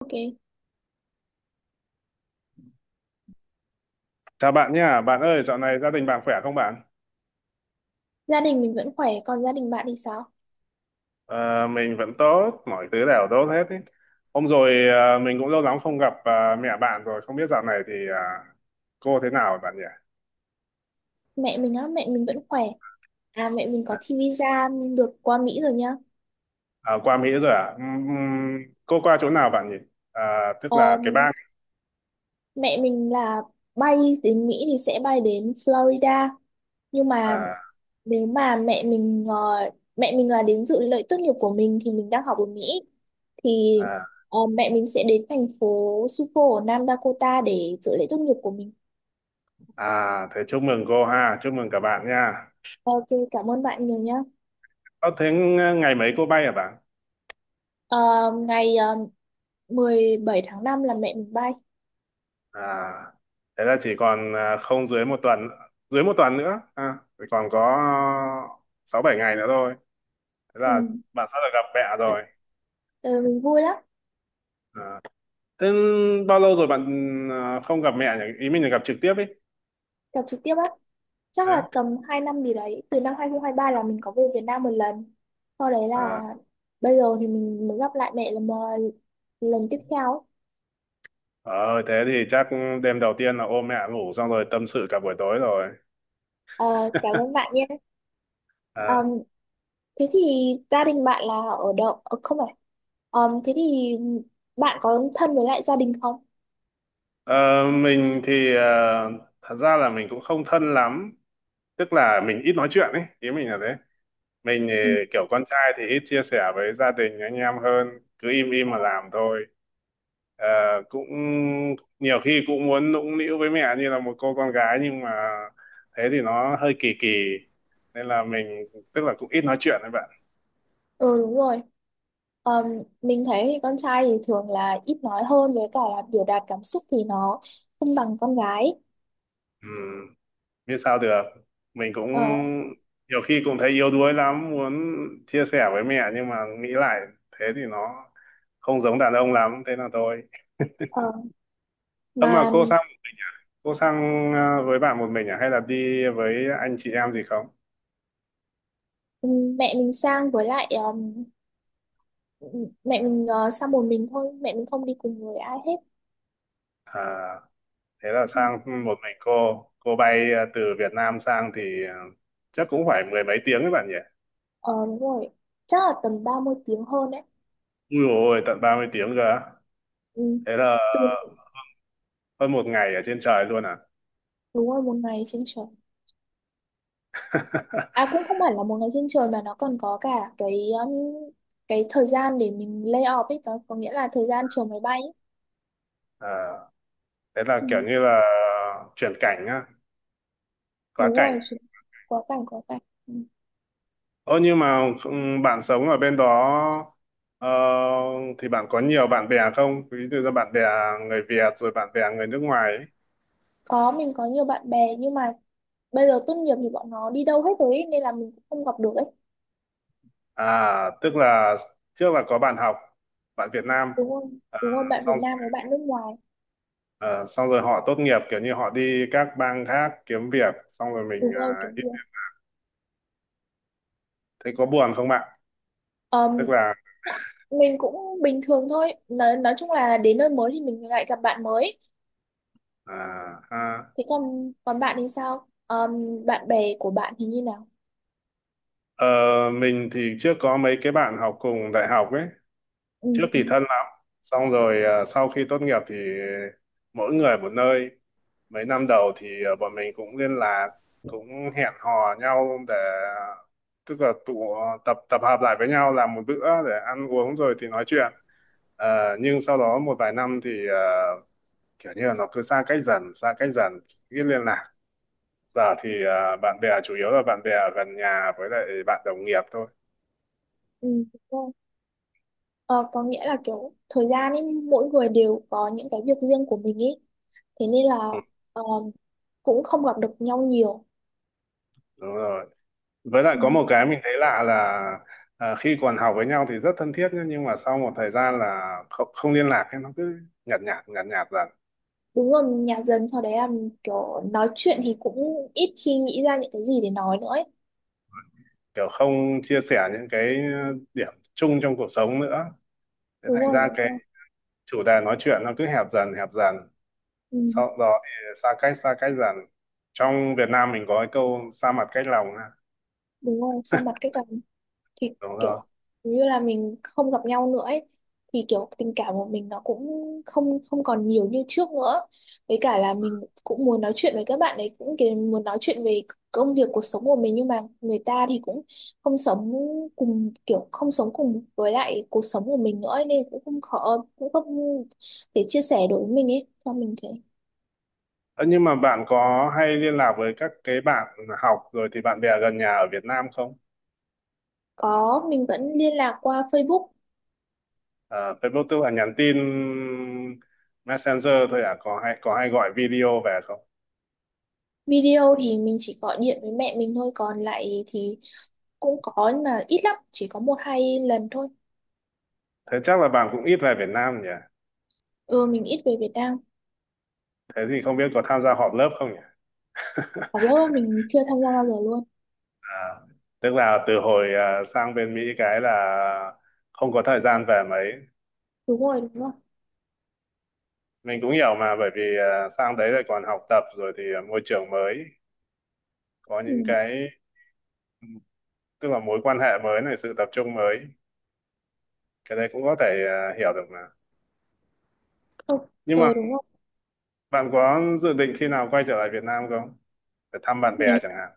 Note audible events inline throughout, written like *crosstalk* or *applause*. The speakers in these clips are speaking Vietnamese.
Ok, Chào bạn nha, bạn ơi, dạo này gia đình bạn khỏe không bạn? gia đình mình vẫn khỏe, còn gia đình bạn thì sao? Ờ, mình vẫn tốt, mọi thứ đều tốt hết ý. Hôm rồi mình cũng lâu lắm không gặp mẹ bạn rồi, không biết dạo này thì cô thế nào bạn nhỉ? Mẹ mình á, mẹ mình vẫn khỏe. À, mẹ mình có À, thi visa được qua Mỹ rồi nhá. à, qua Mỹ rồi à? Cô qua chỗ nào bạn nhỉ? À, tức là cái Ờm, bang. Mẹ mình là bay đến Mỹ thì sẽ bay đến Florida. Nhưng mà À, nếu mà mẹ mình là đến dự lễ tốt nghiệp của mình thì mình đang học ở Mỹ thì à, mẹ mình sẽ đến thành phố Sioux ở Nam Dakota để dự lễ tốt nghiệp của mình. à, thế chúc mừng cô ha, chúc mừng cả bạn nha. Ok, cảm ơn bạn nhiều nhá. Ờ, thế ngày mấy cô bay hả bạn? Ờ, Ngày 17 tháng 5 là mẹ mình bay. À, thế là chỉ còn không dưới một tuần, dưới một tuần nữa à, chỉ còn có sáu bảy ngày nữa thôi, thế Ừ. là bạn sắp được gặp mẹ rồi Ờ, mình vui lắm, à. Thế bao lâu rồi không gặp mẹ nhỉ, ý mình là gặp trực tiếp ý. gặp trực tiếp á. Chắc Thế. là tầm 2 năm gì đấy, từ năm 2023 là mình có về Việt Nam một lần. Sau đấy là À, bây giờ thì mình mới gặp lại mẹ lần tiếp theo. ờ thế thì chắc đêm đầu tiên là ôm mẹ ngủ xong rồi tâm sự cả buổi tối rồi. Ờ, cảm ơn *laughs* bạn nhé. Ờ, À, thế thì gia đình bạn là ở đâu? Ờ, không phải. Ờ, thế thì bạn có thân với lại gia đình không? ờ, mình thì thật ra là mình cũng không thân lắm, tức là mình ít nói chuyện ấy, ý mình là thế. Mình thì Ừ, kiểu con trai thì ít chia sẻ với gia đình anh em hơn, cứ im im mà làm thôi. Ờ, Cũng nhiều khi cũng muốn nũng nịu với mẹ như là một cô con gái, nhưng mà thế thì nó hơi kỳ kỳ, nên là mình, tức là cũng ít nói chuyện với bạn. ừ, đúng rồi. Ờ, mình thấy thì con trai thì thường là ít nói hơn với cả là biểu đạt cảm xúc thì nó không bằng con gái. Ừ, biết sao được. Mình cũng Ờ, nhiều khi cũng thấy yếu đuối lắm, muốn chia sẻ với mẹ nhưng mà nghĩ lại thế thì nó không giống đàn ông lắm, thế là thôi. ờ. Ơ mà Mà cô sao? Cô sang với bạn một mình à, hay là đi với anh chị em gì không? Mẹ mình sang với lại mẹ mình sang một mình thôi, mẹ mình không đi cùng với ai hết. À, thế là Ừ. sang một mình cô. Cô bay từ Việt Nam sang thì chắc cũng phải mười mấy tiếng các bạn nhỉ? ờ Đúng rồi, chắc là tầm 30 tiếng hơn đấy. Ui dồi ôi, tận 30 tiếng cơ á. Ừ. Thế là từ hơn một ngày ở trên trời luôn à? Đúng rồi, một ngày trên trời. À, *laughs* cũng không hẳn là một ngày trên trời mà nó còn có cả cái thời gian để mình lay off ấy, có nghĩa là thời gian chờ máy bay ấy. Ờ, Thế là Ừ. kiểu như là chuyển cảnh á, quá Đúng cảnh. rồi chứ. Quá cảnh, quá cảnh. Ừ. Ơ nhưng mà bạn sống ở bên đó ờ, thì bạn có nhiều bạn bè không? Ví dụ như bạn bè người Việt rồi bạn bè người nước ngoài ấy. Có, mình có nhiều bạn bè nhưng mà bây giờ tốt nghiệp thì bọn nó đi đâu hết rồi ấy, nên là mình cũng không gặp được ấy. À, tức là trước là có bạn học, bạn Việt Nam, Đúng không, à, đúng không, bạn xong Việt Nam rồi, với bạn nước ngoài. à, xong rồi họ tốt nghiệp kiểu như họ đi các bang khác kiếm việc, xong rồi Đúng rồi, kiểu gì. thấy có buồn không bạn? Ờm, Tức là mình cũng bình thường thôi, nói chung là đến nơi mới thì mình lại gặp bạn mới. à, ha. Thế còn còn bạn thì sao? Bạn bè của bạn thì như nào? Ờ, mình thì trước có mấy cái bạn học cùng đại học ấy, Ừ, trước ừ, thì thân lắm, xong rồi sau khi tốt nghiệp thì mỗi người một nơi. Mấy năm đầu thì bọn mình cũng liên lạc, cũng hẹn hò nhau để, tức là tụ tập, tập hợp lại với nhau làm một bữa để ăn uống rồi thì nói chuyện. Nhưng sau đó một vài năm thì kiểu như là nó cứ xa cách dần xa cách dần, ít liên lạc. Giờ thì bạn bè chủ yếu là bạn bè ở gần nhà với lại bạn đồng nghiệp thôi. ừ, đúng rồi. Ờ, có nghĩa là kiểu thời gian ấy mỗi người đều có những cái việc riêng của mình ấy, thế nên là Ừ, ờm, cũng không gặp được nhau nhiều. đúng rồi. Với lại Ừ. có một cái mình thấy lạ là, khi còn học với nhau thì rất thân thiết nhá, nhưng mà sau một thời gian là không, không liên lạc ấy, nó cứ nhạt nhạt nhạt nhạt dần, Đúng rồi, nhà dần sau đấy là mình kiểu nói chuyện thì cũng ít khi nghĩ ra những cái gì để nói nữa ấy. kiểu không chia sẻ những cái điểm chung trong cuộc sống nữa, thế Đúng thành rồi, ra đúng cái rồi. chủ đề nói chuyện nó cứ hẹp dần hẹp dần, Ừ, sau đó thì xa cách dần. Trong Việt Nam mình có cái câu xa mặt cách lòng ha. đúng rồi, xa mặt cách cảm thì Đúng rồi. kiểu như là mình không gặp nhau nữa ấy, thì kiểu tình cảm của mình nó cũng không không còn nhiều như trước nữa, với cả là mình cũng muốn nói chuyện với các bạn ấy, cũng kiểu muốn nói chuyện về công việc cuộc sống của mình nhưng mà người ta thì cũng không sống cùng, kiểu không sống cùng với lại cuộc sống của mình nữa ấy, nên cũng không khó cũng không thể chia sẻ đối với mình ấy cho mình thế. Ơ, nhưng mà bạn có hay liên lạc với các cái bạn học rồi thì bạn bè gần nhà ở Việt Nam không? Có, mình vẫn liên lạc qua Facebook. À, Facebook tức là nhắn tin Messenger thôi à, có hay gọi video về không? Video thì mình chỉ gọi điện với mẹ mình thôi, còn lại thì cũng có nhưng mà ít lắm, chỉ có một hai lần thôi. Thế chắc là bạn cũng ít về Việt Nam nhỉ. Ừ, mình ít về Việt Nam. Thế thì không biết có tham gia họp lớp không nhỉ. Học lớp *laughs* mình chưa tham gia bao giờ luôn. à, Tức là từ hồi sang bên Mỹ cái là không có thời gian về mấy. Đúng rồi, đúng rồi. Mình cũng hiểu mà, bởi vì sang đấy lại còn học tập rồi thì môi trường mới, có Ừ, những cái, tức là mối quan hệ mới này, sự tập trung mới, cái đấy cũng có thể hiểu được mà. không, Nhưng mà ừ, đúng rồi. bạn có dự định khi nào quay trở lại Việt Nam không? Để thăm bạn bè Mình chẳng hạn.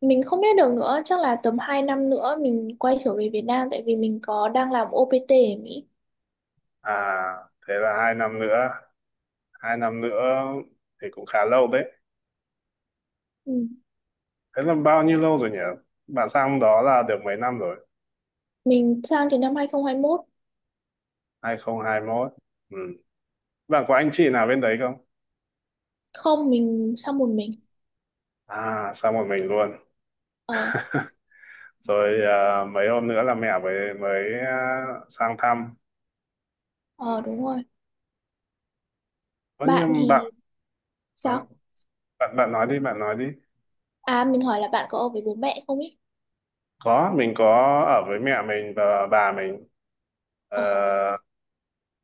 mình không biết được nữa, chắc là tầm 2 năm nữa mình quay trở về Việt Nam tại vì mình có đang làm OPT ở Mỹ. À, thế là 2 năm nữa. 2 năm nữa thì cũng khá lâu đấy. Ừ. Thế là bao nhiêu lâu rồi nhỉ? Bạn sang đó là được mấy năm rồi? Mình sang từ năm hai không hai mốt. 2021. Ừ. Bạn có anh chị nào bên đấy không? Không, mình sang một mình. À, sang một mình luôn. Ờ, *laughs* Rồi mấy hôm nữa là mẹ mới mới sang thăm. ờ, đúng rồi. Có Bạn nhưng thì à, sao? bạn nói đi, bạn nói đi. À, mình hỏi là bạn có ở với bố mẹ không ý? Có, mình có ở với mẹ mình và bà mình. Ờ, Ờ.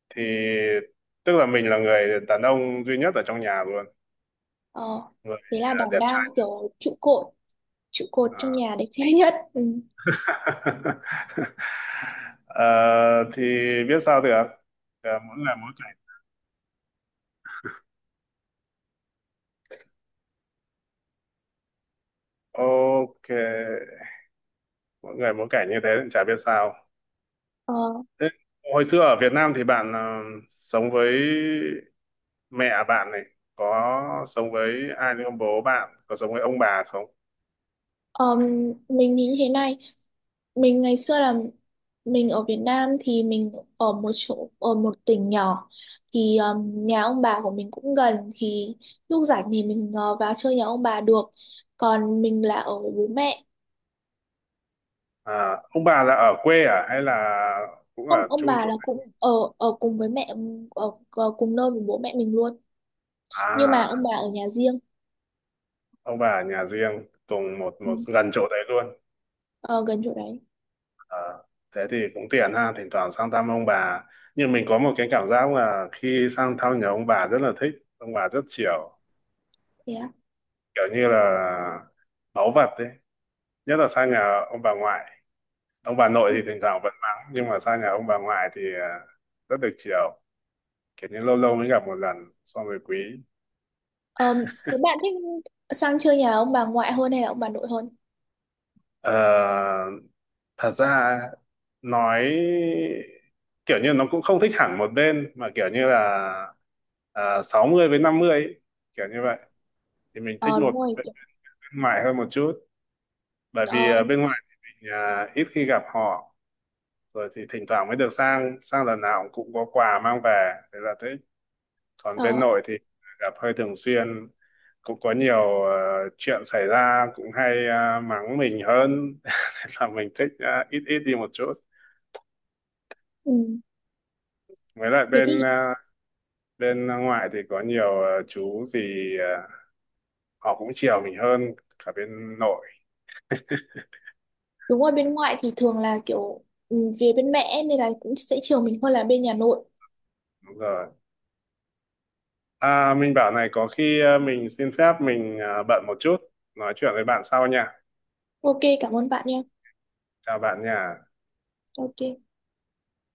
thì tức là mình là người đàn ông duy nhất ở trong nhà luôn, Ờ, người thế là đảm đẹp trai đang kiểu trụ cột à. trong nhà đẹp trai nhất. *laughs* Ừ. *laughs* Ờ, thì biết sao được. Mỗi người mỗi cảnh. Ok, mỗi người mỗi cảnh như thế thì chả biết sao. Ờ, Thế hồi xưa ở Việt Nam thì bạn sống với mẹ bạn này, có sống với ai nữa không, bố bạn có sống với ông bà không? ờm, mình nghĩ thế này, mình ngày xưa là mình ở Việt Nam thì mình ở một chỗ, ở một tỉnh nhỏ thì nhà ông bà của mình cũng gần thì lúc rảnh thì mình vào chơi nhà ông bà được. Còn mình là ở với bố mẹ. À, ông bà là ở quê à hay là cũng Không, ở ông chung bà chỗ? là cũng ở ở cùng với mẹ, ở cùng nơi với bố mẹ mình luôn. Nhưng mà ông À, bà ở nhà riêng. ông bà ở nhà riêng cùng một một Ừ. gần chỗ đấy luôn. Ờ, gần chỗ đấy. À, thế thì cũng tiện ha, thỉnh thoảng sang thăm ông bà, nhưng mình có một cái cảm giác là khi sang thăm nhà ông bà rất là thích, ông bà rất chiều, Thế á. kiểu như là báu vật đấy, nhất là sang nhà ông bà ngoại. Ông bà nội Ừ. thì thỉnh thoảng vẫn mắng, nhưng mà sang nhà ông bà ngoại thì rất được chiều, kiểu như lâu lâu mới gặp một lần, xong rồi quý. Ờ, thế bạn thích sang chơi nhà ông bà ngoại hơn hay là ông bà nội hơn? Ờ, Thật ra nói kiểu như nó cũng không thích hẳn một bên, mà kiểu như là 60 với 50 ấy, kiểu như vậy, thì mình thích Ờ, đúng một rồi. bên ngoài hơn một chút, bởi vì Ờ, bên ngoài thì mình ít khi gặp họ, rồi thì thỉnh thoảng mới được sang, sang lần nào cũng có quà mang về thế là thế. Còn bên ờ, nội thì gặp hơi thường xuyên, cũng có nhiều chuyện xảy ra, cũng hay mắng mình hơn. *laughs* Thế là mình thích ít ít đi một chút. ừ. Với lại Thế thì bên ngoại thì có nhiều chú thì ờ, họ cũng chiều mình hơn cả bên nội. đúng rồi, bên ngoại thì thường là kiểu về bên mẹ nên là cũng sẽ chiều mình hơn là bên nhà nội. Đúng rồi. À, mình bảo này, có khi mình xin phép, mình bận một chút, nói chuyện với bạn sau nha. Ok, cảm ơn bạn nha. Chào bạn nha. Ok.